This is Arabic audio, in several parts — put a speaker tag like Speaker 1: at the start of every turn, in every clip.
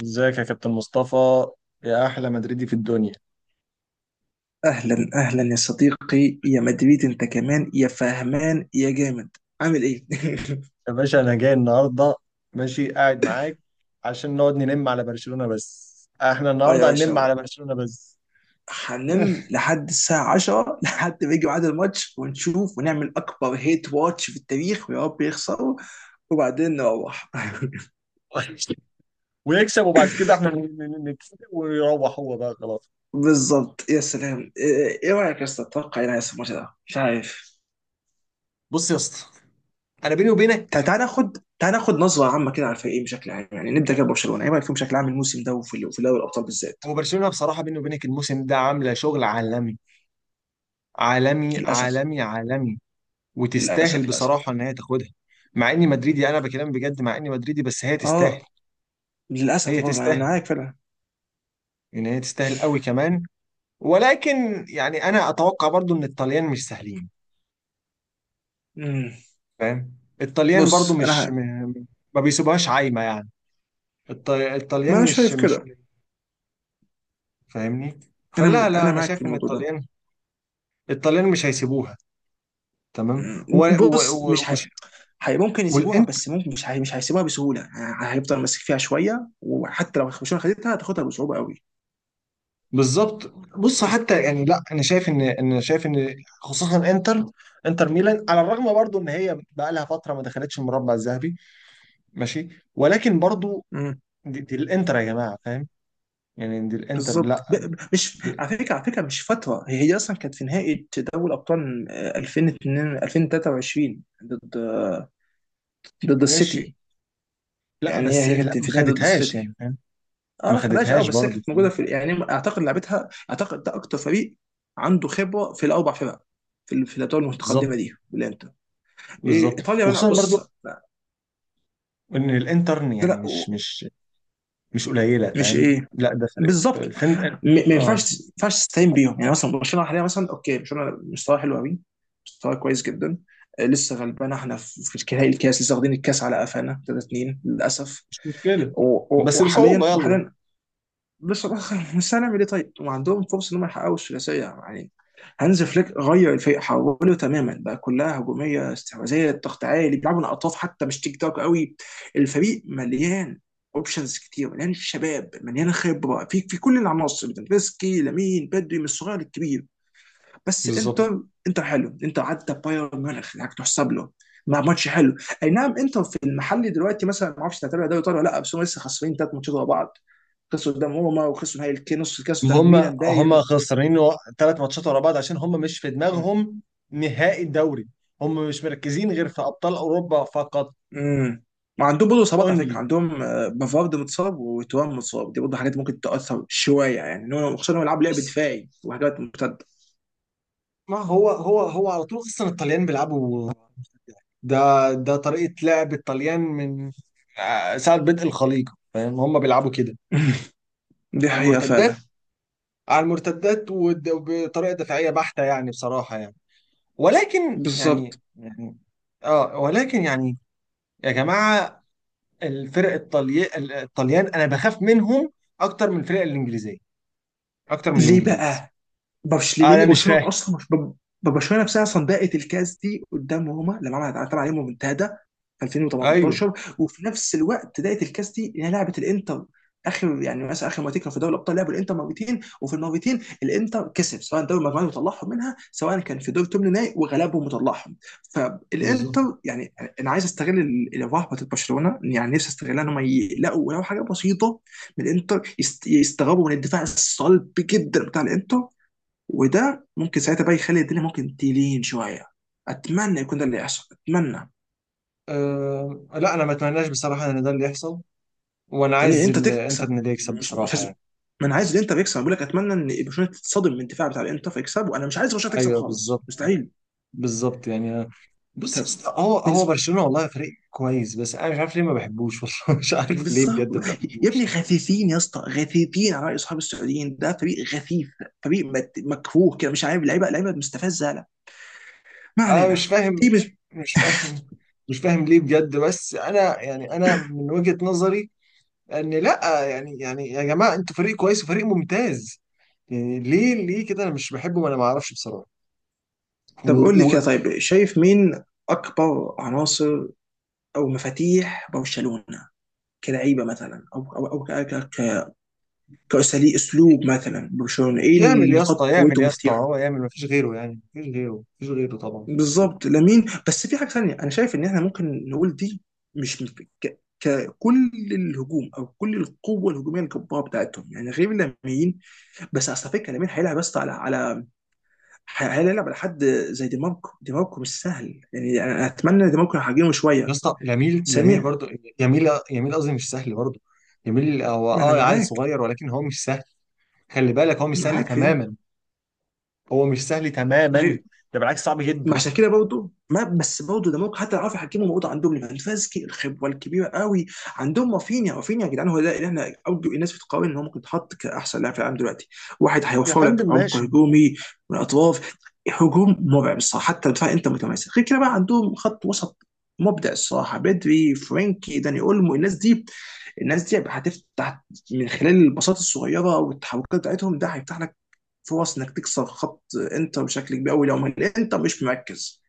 Speaker 1: ازيك يا كابتن مصطفى، يا احلى مدريدي في الدنيا.
Speaker 2: اهلا اهلا يا صديقي، يا مدريد انت كمان، يا فهمان يا جامد، عامل ايه؟
Speaker 1: يا باشا انا جاي النهارده ماشي قاعد معاك عشان نقعد ننم على برشلونة، بس احنا
Speaker 2: اه يا
Speaker 1: النهارده
Speaker 2: باشا
Speaker 1: هننم
Speaker 2: أهو.
Speaker 1: على برشلونة بس.
Speaker 2: هننام لحد الساعة 10 لحد ما يجي ميعاد الماتش ونشوف ونعمل أكبر هيت واتش في التاريخ ويا رب يخسروا وبعدين نروح.
Speaker 1: ويكسب وبعد كده احنا نكسب ويروح هو بقى خلاص.
Speaker 2: بالظبط، يا سلام. إيه رأيك يا أسطى، تتوقع إيه اللي هيحصل في الماتش ده؟ مش عارف.
Speaker 1: بص يا اسطى، انا بيني وبينك.
Speaker 2: تعال ناخد نظرة عامة كده على الفريقين بشكل عام، يعني نبدأ كده ببرشلونة. إيه رأيك فيهم بشكل عام الموسم ده وفي دوري الأبطال بالذات؟
Speaker 1: هو برشلونة بصراحة بيني وبينك الموسم ده عاملة شغل عالمي. عالمي
Speaker 2: للأسف،
Speaker 1: عالمي عالمي وتستاهل
Speaker 2: للأسف، للأسف.
Speaker 1: بصراحة ان هي تاخدها. مع اني مدريدي، انا بكلام بجد، مع اني مدريدي بس هي تستاهل.
Speaker 2: اه، للاسف
Speaker 1: هي
Speaker 2: برضه انا
Speaker 1: تستاهل،
Speaker 2: معاك فعلا.
Speaker 1: ان هي تستاهل قوي كمان. ولكن يعني انا اتوقع برضو ان الطليان مش سهلين،
Speaker 2: مم.
Speaker 1: فاهم. الطليان برضو
Speaker 2: بص انا
Speaker 1: مش م... ما بيسيبوهاش عايمه يعني. الطليان
Speaker 2: ما انا
Speaker 1: مش
Speaker 2: شايف
Speaker 1: مش
Speaker 2: كده.
Speaker 1: فاهمني. فلا
Speaker 2: انا
Speaker 1: لا
Speaker 2: انا
Speaker 1: انا
Speaker 2: معاك في
Speaker 1: شايف ان
Speaker 2: الموضوع ده.
Speaker 1: الطليان، الطليان مش هيسيبوها، تمام.
Speaker 2: مم.
Speaker 1: و... و...
Speaker 2: بص
Speaker 1: و...
Speaker 2: مش ه...
Speaker 1: وش...
Speaker 2: هي ممكن يسيبوها،
Speaker 1: والانت
Speaker 2: بس ممكن مش هيسيبوها بسهوله، هيفضل ماسك فيها شويه، وحتى لو برشلونه خدتها هتاخدها بصعوبه قوي.
Speaker 1: بالظبط. بص حتى يعني، لا انا شايف ان، انا شايف ان خصوصا انتر، انتر ميلان على الرغم برضو ان هي بقى لها فتره ما دخلتش المربع الذهبي، ماشي، ولكن برضو
Speaker 2: مم.
Speaker 1: دي الانتر يا جماعه، فاهم يعني؟ دي الانتر
Speaker 2: بالظبط.
Speaker 1: لا،
Speaker 2: مش
Speaker 1: دي
Speaker 2: على فكره، مش فتره، هي اصلا كانت في نهائي دوري ابطال، 2002 2023، ضد ضد
Speaker 1: ماشي.
Speaker 2: السيتي.
Speaker 1: لا
Speaker 2: يعني هي
Speaker 1: بس
Speaker 2: هي
Speaker 1: لا،
Speaker 2: كانت
Speaker 1: ما
Speaker 2: في نهائي ضد
Speaker 1: خدتهاش
Speaker 2: السيتي.
Speaker 1: يعني فاهم،
Speaker 2: اه
Speaker 1: ما
Speaker 2: ما خدهاش. اه
Speaker 1: خدتهاش
Speaker 2: بس هي
Speaker 1: برضو،
Speaker 2: كانت موجوده،
Speaker 1: فاهم؟
Speaker 2: في يعني اعتقد لعبتها، اعتقد ده اكتر فريق عنده خبره في الاربع فرق في الادوار
Speaker 1: بالظبط.
Speaker 2: المتقدمه دي بالانتر. ايه
Speaker 1: بالظبط
Speaker 2: ايطاليا ملعب.
Speaker 1: وخصوصا
Speaker 2: بص
Speaker 1: برضو
Speaker 2: لا
Speaker 1: ان الانتر
Speaker 2: ده
Speaker 1: يعني
Speaker 2: لا
Speaker 1: مش
Speaker 2: و-
Speaker 1: مش مش قليله،
Speaker 2: مش
Speaker 1: فاهم؟
Speaker 2: ايه.
Speaker 1: لا ده فرق
Speaker 2: بالظبط.
Speaker 1: الفن، اه.
Speaker 2: ما
Speaker 1: آه،
Speaker 2: ينفعش تستهين بيهم، يعني مثلا برشلونه حاليا، مثلا اوكي، برشلونه مستواه حلو قوي، مستواه كويس جدا. لسه غلبان احنا في نهائي الكاس، لسه واخدين الكاس على قفانا 3-2 للاسف.
Speaker 1: مش مشكله
Speaker 2: و-
Speaker 1: بس بصعوبه،
Speaker 2: وحاليا،
Speaker 1: يلا.
Speaker 2: بصراحة بس الاخر مش هنعمل ايه طيب؟ وعندهم فرصة انهم يحققوا الثلاثية يعني. هانز فليك غير الفريق حوله تماما بقى، كلها هجومية استحواذية، ضغط عالي، بيلعبوا من اطراف، حتى مش تيك توك قوي. الفريق مليان اوبشنز كتير، مليان شباب، مليان خبرة في كل العناصر: بتنفسكي، لامين، بدري، من الصغير للكبير. بس
Speaker 1: بالظبط.
Speaker 2: انتر حلو. انتر عدى بايرن ميونخ، يعني تحسب له مع ماتش حلو. اي نعم، انتر في المحلي دلوقتي مثلا، ما اعرفش تعتبر دوري ايطالي ولا لا، بس هم لسه خسرين ثلاث ماتشات ورا بعض، خسروا قدام روما وخسروا نهائي نص الكاس قدام
Speaker 1: هم،
Speaker 2: ميلان
Speaker 1: هم
Speaker 2: باين.
Speaker 1: خسرانين ثلاث ماتشات ورا بعض عشان هم مش في
Speaker 2: مم.
Speaker 1: دماغهم نهائي الدوري. هم مش مركزين غير في ابطال اوروبا فقط،
Speaker 2: مم. ما عندهم برضه اصابات على
Speaker 1: اونلي.
Speaker 2: فكره، عندهم بافارد متصاب وتوام متصاب، دي برضه حاجات ممكن تاثر شويه يعني، خصوصا انهم بيلعبوا لعب
Speaker 1: بص،
Speaker 2: دفاعي وحاجات مرتده.
Speaker 1: ما هو على طول اصلا الطليان بيلعبوا ده ده طريقة لعب الطليان من ساعة بدء الخليقة، فاهم؟ هم بيلعبوا كده
Speaker 2: دي
Speaker 1: على
Speaker 2: حقيقه
Speaker 1: المرتدات.
Speaker 2: فعلا.
Speaker 1: على المرتدات وبطريقة دفاعية بحتة يعني، بصراحة يعني. ولكن
Speaker 2: بالظبط.
Speaker 1: يعني، اه ولكن يعني، يا جماعة، الفرق الطلي... الطليان انا بخاف منهم اكتر من الفرق الانجليزية، اكتر من
Speaker 2: ليه
Speaker 1: الانجليز.
Speaker 2: بقى؟
Speaker 1: انا مش
Speaker 2: برشلونه
Speaker 1: فاهم.
Speaker 2: اصلا مش ب- برشلونه نفسها اصلا ضاقت الكاس دي قدام روما لما عملت طبعا يوم منتهى في
Speaker 1: ايوه
Speaker 2: 2018، وفي نفس الوقت ضاقت الكاس دي انها لعبت الانتر اخر، يعني مثلا اخر مرتين كانوا في دوري الابطال لعبوا الانتر مرتين، وفي المرتين الانتر كسب، سواء دوري المجموعات وطلعهم منها، سواء كان في دور ثمن نهائي وغلبهم وطلعهم.
Speaker 1: بالظبط.
Speaker 2: فالانتر يعني انا عايز استغل الرهبه بتاعت برشلونه، يعني نفسي استغلها ان هم يلاقوا ولو حاجه بسيطه من الانتر، يستغربوا من الدفاع الصلب جدا بتاع الانتر، وده ممكن ساعتها بقى يخلي الدنيا ممكن تلين شويه. اتمنى يكون ده اللي يحصل، اتمنى.
Speaker 1: أه لا، انا ما اتمناش بصراحة ان ده اللي يحصل، وانا
Speaker 2: يعني
Speaker 1: عايز
Speaker 2: انت
Speaker 1: انتر
Speaker 2: تكسب،
Speaker 1: إن اللي يكسب
Speaker 2: مش
Speaker 1: بصراحة
Speaker 2: لازم.
Speaker 1: يعني.
Speaker 2: ما انا عايز الانتر يكسب، بقول لك اتمنى ان برشلونه تتصدم من الدفاع بتاع الانتر فيكسب، وانا مش عايز برشلونه تكسب
Speaker 1: ايوه
Speaker 2: خالص،
Speaker 1: بالظبط،
Speaker 2: مستحيل.
Speaker 1: بالظبط يعني. بص، بس
Speaker 2: طب
Speaker 1: هو
Speaker 2: بالنسبه.
Speaker 1: برشلونة والله فريق كويس، بس انا مش عارف ليه ما بحبوش والله مش عارف ليه
Speaker 2: بالظبط.
Speaker 1: بجد ما
Speaker 2: يا
Speaker 1: بحبوش.
Speaker 2: ابني غثيثين، يا اسطى غثيثين، على راي اصحاب السعوديين ده فريق غثيث. فريق مكفوه كده مش عارف، لعيبه مستفزه، لا. ما
Speaker 1: انا مش
Speaker 2: علينا.
Speaker 1: فاهم،
Speaker 2: ايه بس؟
Speaker 1: مش فاهم، مش فاهم ليه بجد، بس انا يعني انا من وجهة نظري ان، لا يعني يعني يا جماعة انتوا فريق كويس وفريق ممتاز، يعني ليه كده انا مش بحبه؟ ما انا ما اعرفش بصراحة. و...
Speaker 2: طب قول لي كده،
Speaker 1: و...
Speaker 2: طيب شايف مين اكبر عناصر او مفاتيح برشلونه؟ كلعيبه مثلا، او كاساليب، اسلوب مثلا برشلونه، ايه
Speaker 1: يعمل
Speaker 2: اللي
Speaker 1: يا
Speaker 2: نقاط
Speaker 1: اسطى، يعمل
Speaker 2: قوته
Speaker 1: يا اسطى،
Speaker 2: ومفاتيحه؟
Speaker 1: هو يعمل، ما فيش غيره يعني، ما فيش غيره طبعا.
Speaker 2: بالظبط لامين. بس في حاجه ثانيه انا شايف ان احنا ممكن نقول دي مش مش- ككل الهجوم، او كل القوه الهجوميه الجباره بتاعتهم، يعني غير لامين. بس اصل فكره لامين هيلعب بس على هيلعب على حد زي دي ماركو. دي ماركو مش سهل، يعني انا اتمنى دي ماركو يحجمه
Speaker 1: يا
Speaker 2: شويه.
Speaker 1: اسطى لاميل، لاميل
Speaker 2: ثانيا،
Speaker 1: برضه، يميل يميل قصدي، مش سهل برضه يميل. هو
Speaker 2: ما انا
Speaker 1: اه عيل
Speaker 2: معاك،
Speaker 1: صغير، ولكن هو مش سهل. خلي بالك هو مش سهل
Speaker 2: في دي.
Speaker 1: تماما، هو مش سهل تماما،
Speaker 2: غير
Speaker 1: ده بالعكس صعب
Speaker 2: مع
Speaker 1: جدا.
Speaker 2: شاكيرا برضه، ما بس برضه ده ممكن حتى لو عرفوا يحكموا الموضوع. عندهم ليفاندوفسكي الخبره الكبيره قوي، عندهم رافينيا. رافينيا يا جدعان هو ده اللي احنا ارجو، الناس بتقارن ان هو ممكن يتحط كاحسن لاعب في العالم دلوقتي. واحد
Speaker 1: يا
Speaker 2: هيوفر لك
Speaker 1: فندم
Speaker 2: عمق
Speaker 1: ماشي،
Speaker 2: هجومي من الاطراف، هجوم مرعب الصراحه. حتى الدفاع انت متماسك. غير كده بقى عندهم خط وسط مبدع الصراحه: بدري، فرانكي، داني اولمو. الناس دي هتفتح من خلال البساطه الصغيره والتحركات بتاعتهم، ده هيفتح لك فرص انك تكسر خط انتر بشكل كبير قوي لو الانتر مش مركز.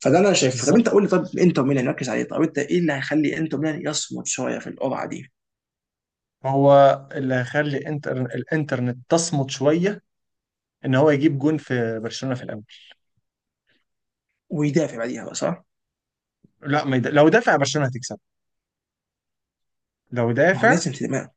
Speaker 2: فده اللي انا شايفه. طب انت
Speaker 1: بالظبط.
Speaker 2: قول لي، طب انتر ميلان يركز عليه. طب انت ايه اللي هيخلي انتر ميلان يصمد شويه في القرعه دي؟
Speaker 1: هو اللي هيخلي الانترنت تصمت شويه، ان هو يجيب جون في برشلونه في الاول.
Speaker 2: ويدافع بعديها بقى، صح؟
Speaker 1: لا ما يد... لو دافع برشلونه هتكسب، لو
Speaker 2: ما هو
Speaker 1: دافع،
Speaker 2: لازم تدافع.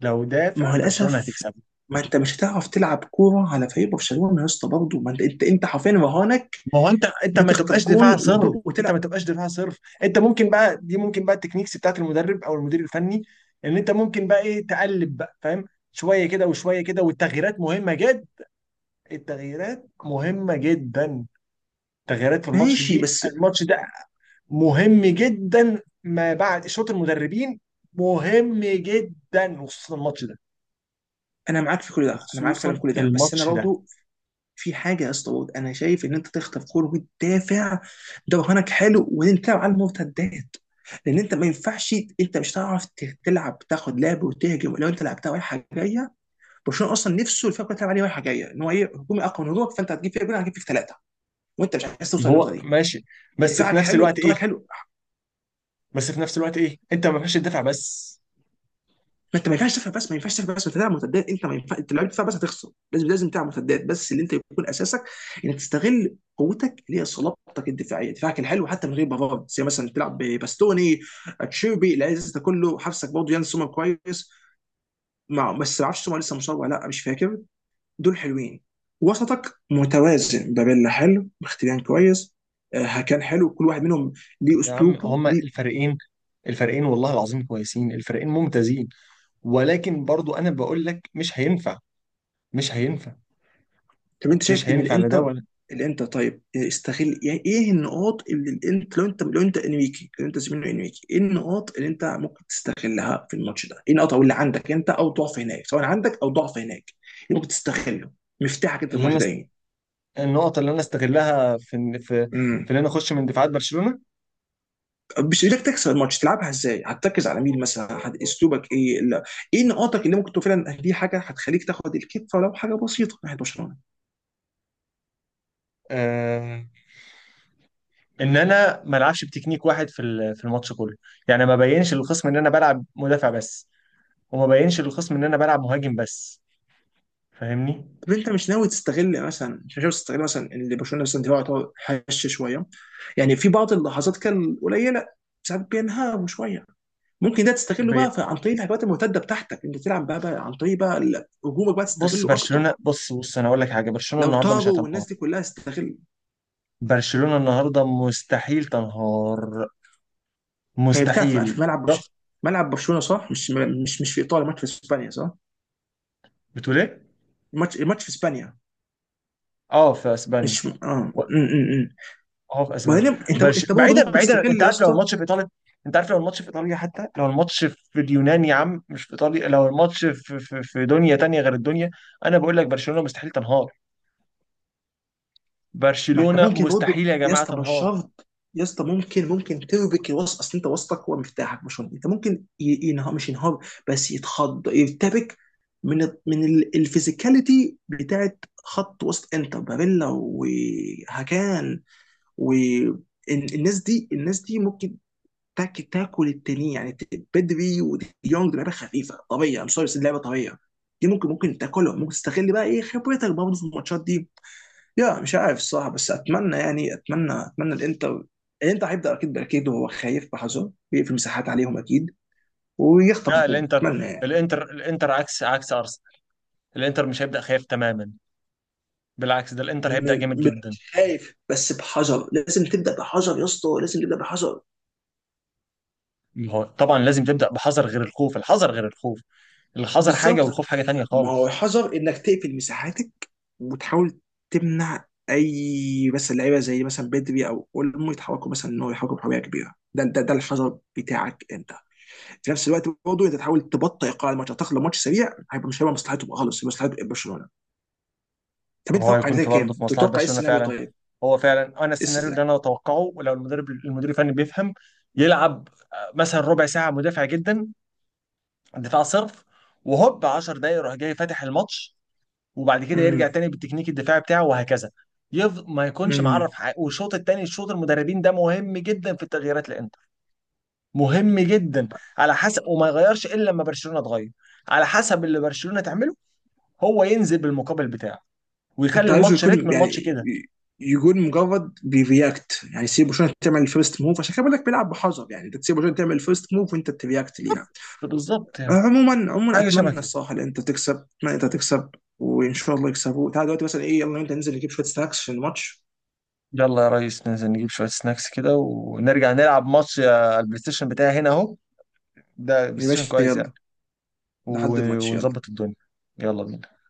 Speaker 1: لو
Speaker 2: ما
Speaker 1: دافع
Speaker 2: هو
Speaker 1: برشلونه
Speaker 2: للاسف
Speaker 1: هتكسب.
Speaker 2: ما انت مش هتعرف تلعب كوره على فريق برشلونه يا اسطى برضه، ما انت حرفيا رهانك
Speaker 1: ما هو انت، انت ما
Speaker 2: بتخطف
Speaker 1: تبقاش
Speaker 2: جون
Speaker 1: دفاع صرف، انت
Speaker 2: وتلعب.
Speaker 1: ما تبقاش دفاع صرف، انت ممكن بقى، دي ممكن بقى التكنيكس بتاعت المدرب او المدير الفني، ان انت ممكن بقى ايه تقلب بقى، فاهم؟ شويه كده وشويه كده، والتغييرات مهمه جدا، التغييرات مهمه جدا، التغييرات في الماتش
Speaker 2: ماشي
Speaker 1: دي
Speaker 2: بس
Speaker 1: الماتش ده مهم جدا ما بعد شوط المدربين، مهم جدا وخصوصا الماتش ده،
Speaker 2: انا معاك في كل ده، انا معاك فعلا
Speaker 1: وخصوصا
Speaker 2: في كل ده، بس انا
Speaker 1: الماتش ده.
Speaker 2: برضه في حاجه يا اسطى. انا شايف ان انت تخطف كوره وتدافع، ده برهانك حلو، وانت تلعب على المرتدات. لان انت ما ينفعش، انت مش هتعرف تلعب، تاخد لعب وتهجم، لو انت لعبتها رايحه جايه. برشلونه اصلا نفسه الفرقه كلها تلعب عليه رايحه جايه، ان هو ايه، هجومي اقوى من هجومك، فانت هتجيب فيها جول هتجيب فيك ثلاثه، وانت مش عايز توصل للنقطه
Speaker 1: هو
Speaker 2: دي.
Speaker 1: ماشي، بس في
Speaker 2: دفاعك
Speaker 1: نفس الوقت
Speaker 2: حلو،
Speaker 1: ايه،
Speaker 2: دفاعك حلو.
Speaker 1: بس في نفس الوقت ايه، انت ما ينفعش تدافع بس.
Speaker 2: فانت ما ينفعش تفهم بس، انت تلعب مرتدات. انت ما ينفع، انت لو لعبت دفاع بس هتخسر. لازم لازم تلعب مرتدات، بس اللي انت يكون اساسك انك تستغل قوتك اللي هي صلابتك الدفاعيه، دفاعك الحلو، حتى من غير بافارد، زي مثلا تلعب بباستوني، اتشيربي، العز ده كله. حارسك برضه يان سومر كويس، مع بس ما اعرفش سومر لسه مصاب ولا لا، مش فاكر. دول حلوين. وسطك متوازن، بابيلا حلو، مختبيان كويس، هكان حلو، كل واحد منهم ليه
Speaker 1: يا عم
Speaker 2: اسلوبه
Speaker 1: هما
Speaker 2: ليه.
Speaker 1: الفريقين، الفريقين والله العظيم كويسين، الفريقين ممتازين، ولكن برضو انا بقول لك مش هينفع، مش هينفع،
Speaker 2: طب انت شايف
Speaker 1: مش
Speaker 2: ان
Speaker 1: هينفع، لا ده
Speaker 2: الانتر،
Speaker 1: ولا.
Speaker 2: طيب استغل، يعني ايه النقاط اللي الانت، لو انت انريكي، لو انت زميله انريكي، ايه النقاط اللي انت ممكن تستغلها في الماتش ده؟ ايه النقاط اللي عندك انت او ضعف هناك، سواء عندك او ضعف هناك، ايه ممكن تستغله؟ مفتاحك انت في
Speaker 1: اللي انا
Speaker 2: الماتش ده
Speaker 1: است...
Speaker 2: ايه؟
Speaker 1: النقط اللي انا استغلها في، في
Speaker 2: امم
Speaker 1: ان انا اخش من دفاعات برشلونة.
Speaker 2: مش ايدك تكسب الماتش تلعبها ازاي؟ هتركز على مين مثلا؟ اسلوبك ايه؟ لا. ايه نقاطك اللي ممكن تكون فعلا دي حاجه هتخليك تاخد الكفه ولو حاجه بسيطه ناحيه برشلونه؟
Speaker 1: آه... ان انا ما العبش بتكنيك واحد في في الماتش كله، يعني ما بينش للخصم ان انا بلعب مدافع بس، وما بينش للخصم ان انا بلعب مهاجم بس، فاهمني؟
Speaker 2: طب انت مش ناوي تستغل مثلا، ان برشلونه مثلا دفاعه يعتبر هش شويه، يعني في بعض اللحظات كان قليله، ساعات بينهاروا شويه. ممكن ده تستغله
Speaker 1: بي...
Speaker 2: بقى عن طريق الهجمات المرتده بتاعتك، انت تلعب بقى، عن طريق بقى هجومك بقى
Speaker 1: بص
Speaker 2: تستغله اكتر
Speaker 1: برشلونة، بص انا اقول لك حاجة، برشلونة
Speaker 2: لو
Speaker 1: النهارده مش
Speaker 2: طاروا،
Speaker 1: هتنهار،
Speaker 2: والناس دي كلها تستغل.
Speaker 1: برشلونة النهارده مستحيل تنهار،
Speaker 2: هي بتعرف
Speaker 1: مستحيل.
Speaker 2: في ملعب
Speaker 1: ضغط.
Speaker 2: ملعب برشلونه، صح؟ مش في ايطاليا، ماتش في اسبانيا صح.
Speaker 1: بتقول ايه؟
Speaker 2: الماتش في اسبانيا.
Speaker 1: اه في اسبانيا.
Speaker 2: مش م- اه
Speaker 1: و-
Speaker 2: م -م -م.
Speaker 1: اه في
Speaker 2: وبعدين
Speaker 1: اسبانيا،
Speaker 2: انت، برضه
Speaker 1: بعيدا
Speaker 2: ممكن
Speaker 1: بعيدا، انت
Speaker 2: تستغل يا
Speaker 1: عارف لو
Speaker 2: اسطى.
Speaker 1: الماتش في ايطاليا، انت عارف لو الماتش في ايطاليا، حتى لو الماتش في اليونان يا عم مش في ايطاليا، لو الماتش في دنيا تانية غير الدنيا، انا بقول لك برشلونة مستحيل تنهار،
Speaker 2: ما انت
Speaker 1: برشلونة
Speaker 2: ممكن
Speaker 1: مستحيل
Speaker 2: برضه
Speaker 1: يا
Speaker 2: يا
Speaker 1: جماعة
Speaker 2: اسطى، مش
Speaker 1: تنهار.
Speaker 2: شرط يا اسطى. ممكن تربك الوسط، اصل انت وسطك هو مفتاحك. مش انت ممكن ينهار، مش ينهار، بس يتخض يرتبك الفيزيكاليتي بتاعت خط وسط انتر، باريلا وهاكان والناس دي. الناس دي ممكن تاكل التانيين، يعني بدري وديونج، دي لعبه خفيفه طبيعيه. سوري، بس اللعبه طبيعيه دي ممكن، تاكلهم، ممكن تستغل بقى ايه خبرتك برضه في الماتشات دي، يا مش عارف الصراحه. بس اتمنى يعني، اتمنى الانتر. الانتر هيبدا اكيد باكيد وهو خايف بحذر، بيقفل مساحات عليهم اكيد
Speaker 1: لا
Speaker 2: ويخطف جون.
Speaker 1: الانتر،
Speaker 2: اتمنى يعني.
Speaker 1: الانتر عكس، عكس ارسنال، الانتر مش هيبدأ خايف تماما، بالعكس ده الانتر هيبدأ جامد
Speaker 2: م- م-
Speaker 1: جدا.
Speaker 2: خايف بس بحذر، لازم تبدا بحذر يا اسطى، لازم تبدا بحذر.
Speaker 1: ما هو طبعا لازم تبدأ بحذر، غير الخوف، الحذر غير الخوف، الحذر حاجة
Speaker 2: بالظبط.
Speaker 1: والخوف حاجة تانية
Speaker 2: ما هو
Speaker 1: خالص.
Speaker 2: الحذر انك تقفل مساحاتك وتحاول تمنع اي بس اللعيبه زي مثلا بدري او اولمو يتحركوا، مثلا ان هو يحركوا بحريه كبيره، ده الحذر بتاعك انت. في نفس الوقت برضه انت تحاول تبطئ ايقاع الماتش، اعتقد لو ماتش سريع هيبقى، مش هيبقى مصلحته بقى خالص، مصلحه برشلونه. طب
Speaker 1: ما
Speaker 2: انت
Speaker 1: هو
Speaker 2: تتوقع
Speaker 1: هيكون
Speaker 2: النتيجه
Speaker 1: في
Speaker 2: كام؟
Speaker 1: برضه في
Speaker 2: انت
Speaker 1: مصلحة
Speaker 2: تتوقع ايه
Speaker 1: برشلونة
Speaker 2: السيناريو
Speaker 1: فعلا،
Speaker 2: طيب؟ ايه
Speaker 1: هو فعلا انا السيناريو اللي
Speaker 2: السيناريو؟
Speaker 1: انا اتوقعه ولو المدرب المدير الفني بيفهم، يلعب مثلا ربع ساعة مدافع جدا، دفاع صرف، وهوب 10 دقايق يروح جاي فاتح الماتش، وبعد كده
Speaker 2: امم
Speaker 1: يرجع تاني بالتكنيك الدفاعي بتاعه وهكذا. ما يكونش معرف
Speaker 2: امم
Speaker 1: حق. والشوط التاني الشوط المدربين ده مهم جدا في التغييرات، لان مهم جدا، على حسب، وما يغيرش الا لما برشلونه تغير، على حسب اللي برشلونه تعمله، هو ينزل بالمقابل بتاعه، ويخلي
Speaker 2: انت عايزه
Speaker 1: الماتش
Speaker 2: يكون،
Speaker 1: رتم
Speaker 2: يعني
Speaker 1: الماتش كده.
Speaker 2: يكون مجرد بيرياكت، يعني سيب برشلونه تعمل الفيرست موف. عشان كده بقول لك بيلعب بحذر، يعني انت تسيب برشلونه تعمل الفيرست موف وانت ترياكت ليها.
Speaker 1: بس بالظبط يعني،
Speaker 2: عموما،
Speaker 1: حاجه شبه
Speaker 2: اتمنى
Speaker 1: كده.
Speaker 2: الصراحه ان انت تكسب، ما انت تكسب. وان شاء الله يكسبوا. تعال دلوقتي مثلا ايه، يلا انت ننزل نجيب شويه سناكس عشان الماتش.
Speaker 1: يلا يا ريس، ننزل نجيب شويه سناكس كده ونرجع نلعب ماتش، البلاي ستيشن بتاعي هنا اهو، ده بلاي
Speaker 2: يا
Speaker 1: ستيشن
Speaker 2: باشا
Speaker 1: كويس يعني،
Speaker 2: يلا. لحد الماتش يلا.
Speaker 1: ونظبط الدنيا، يلا بينا.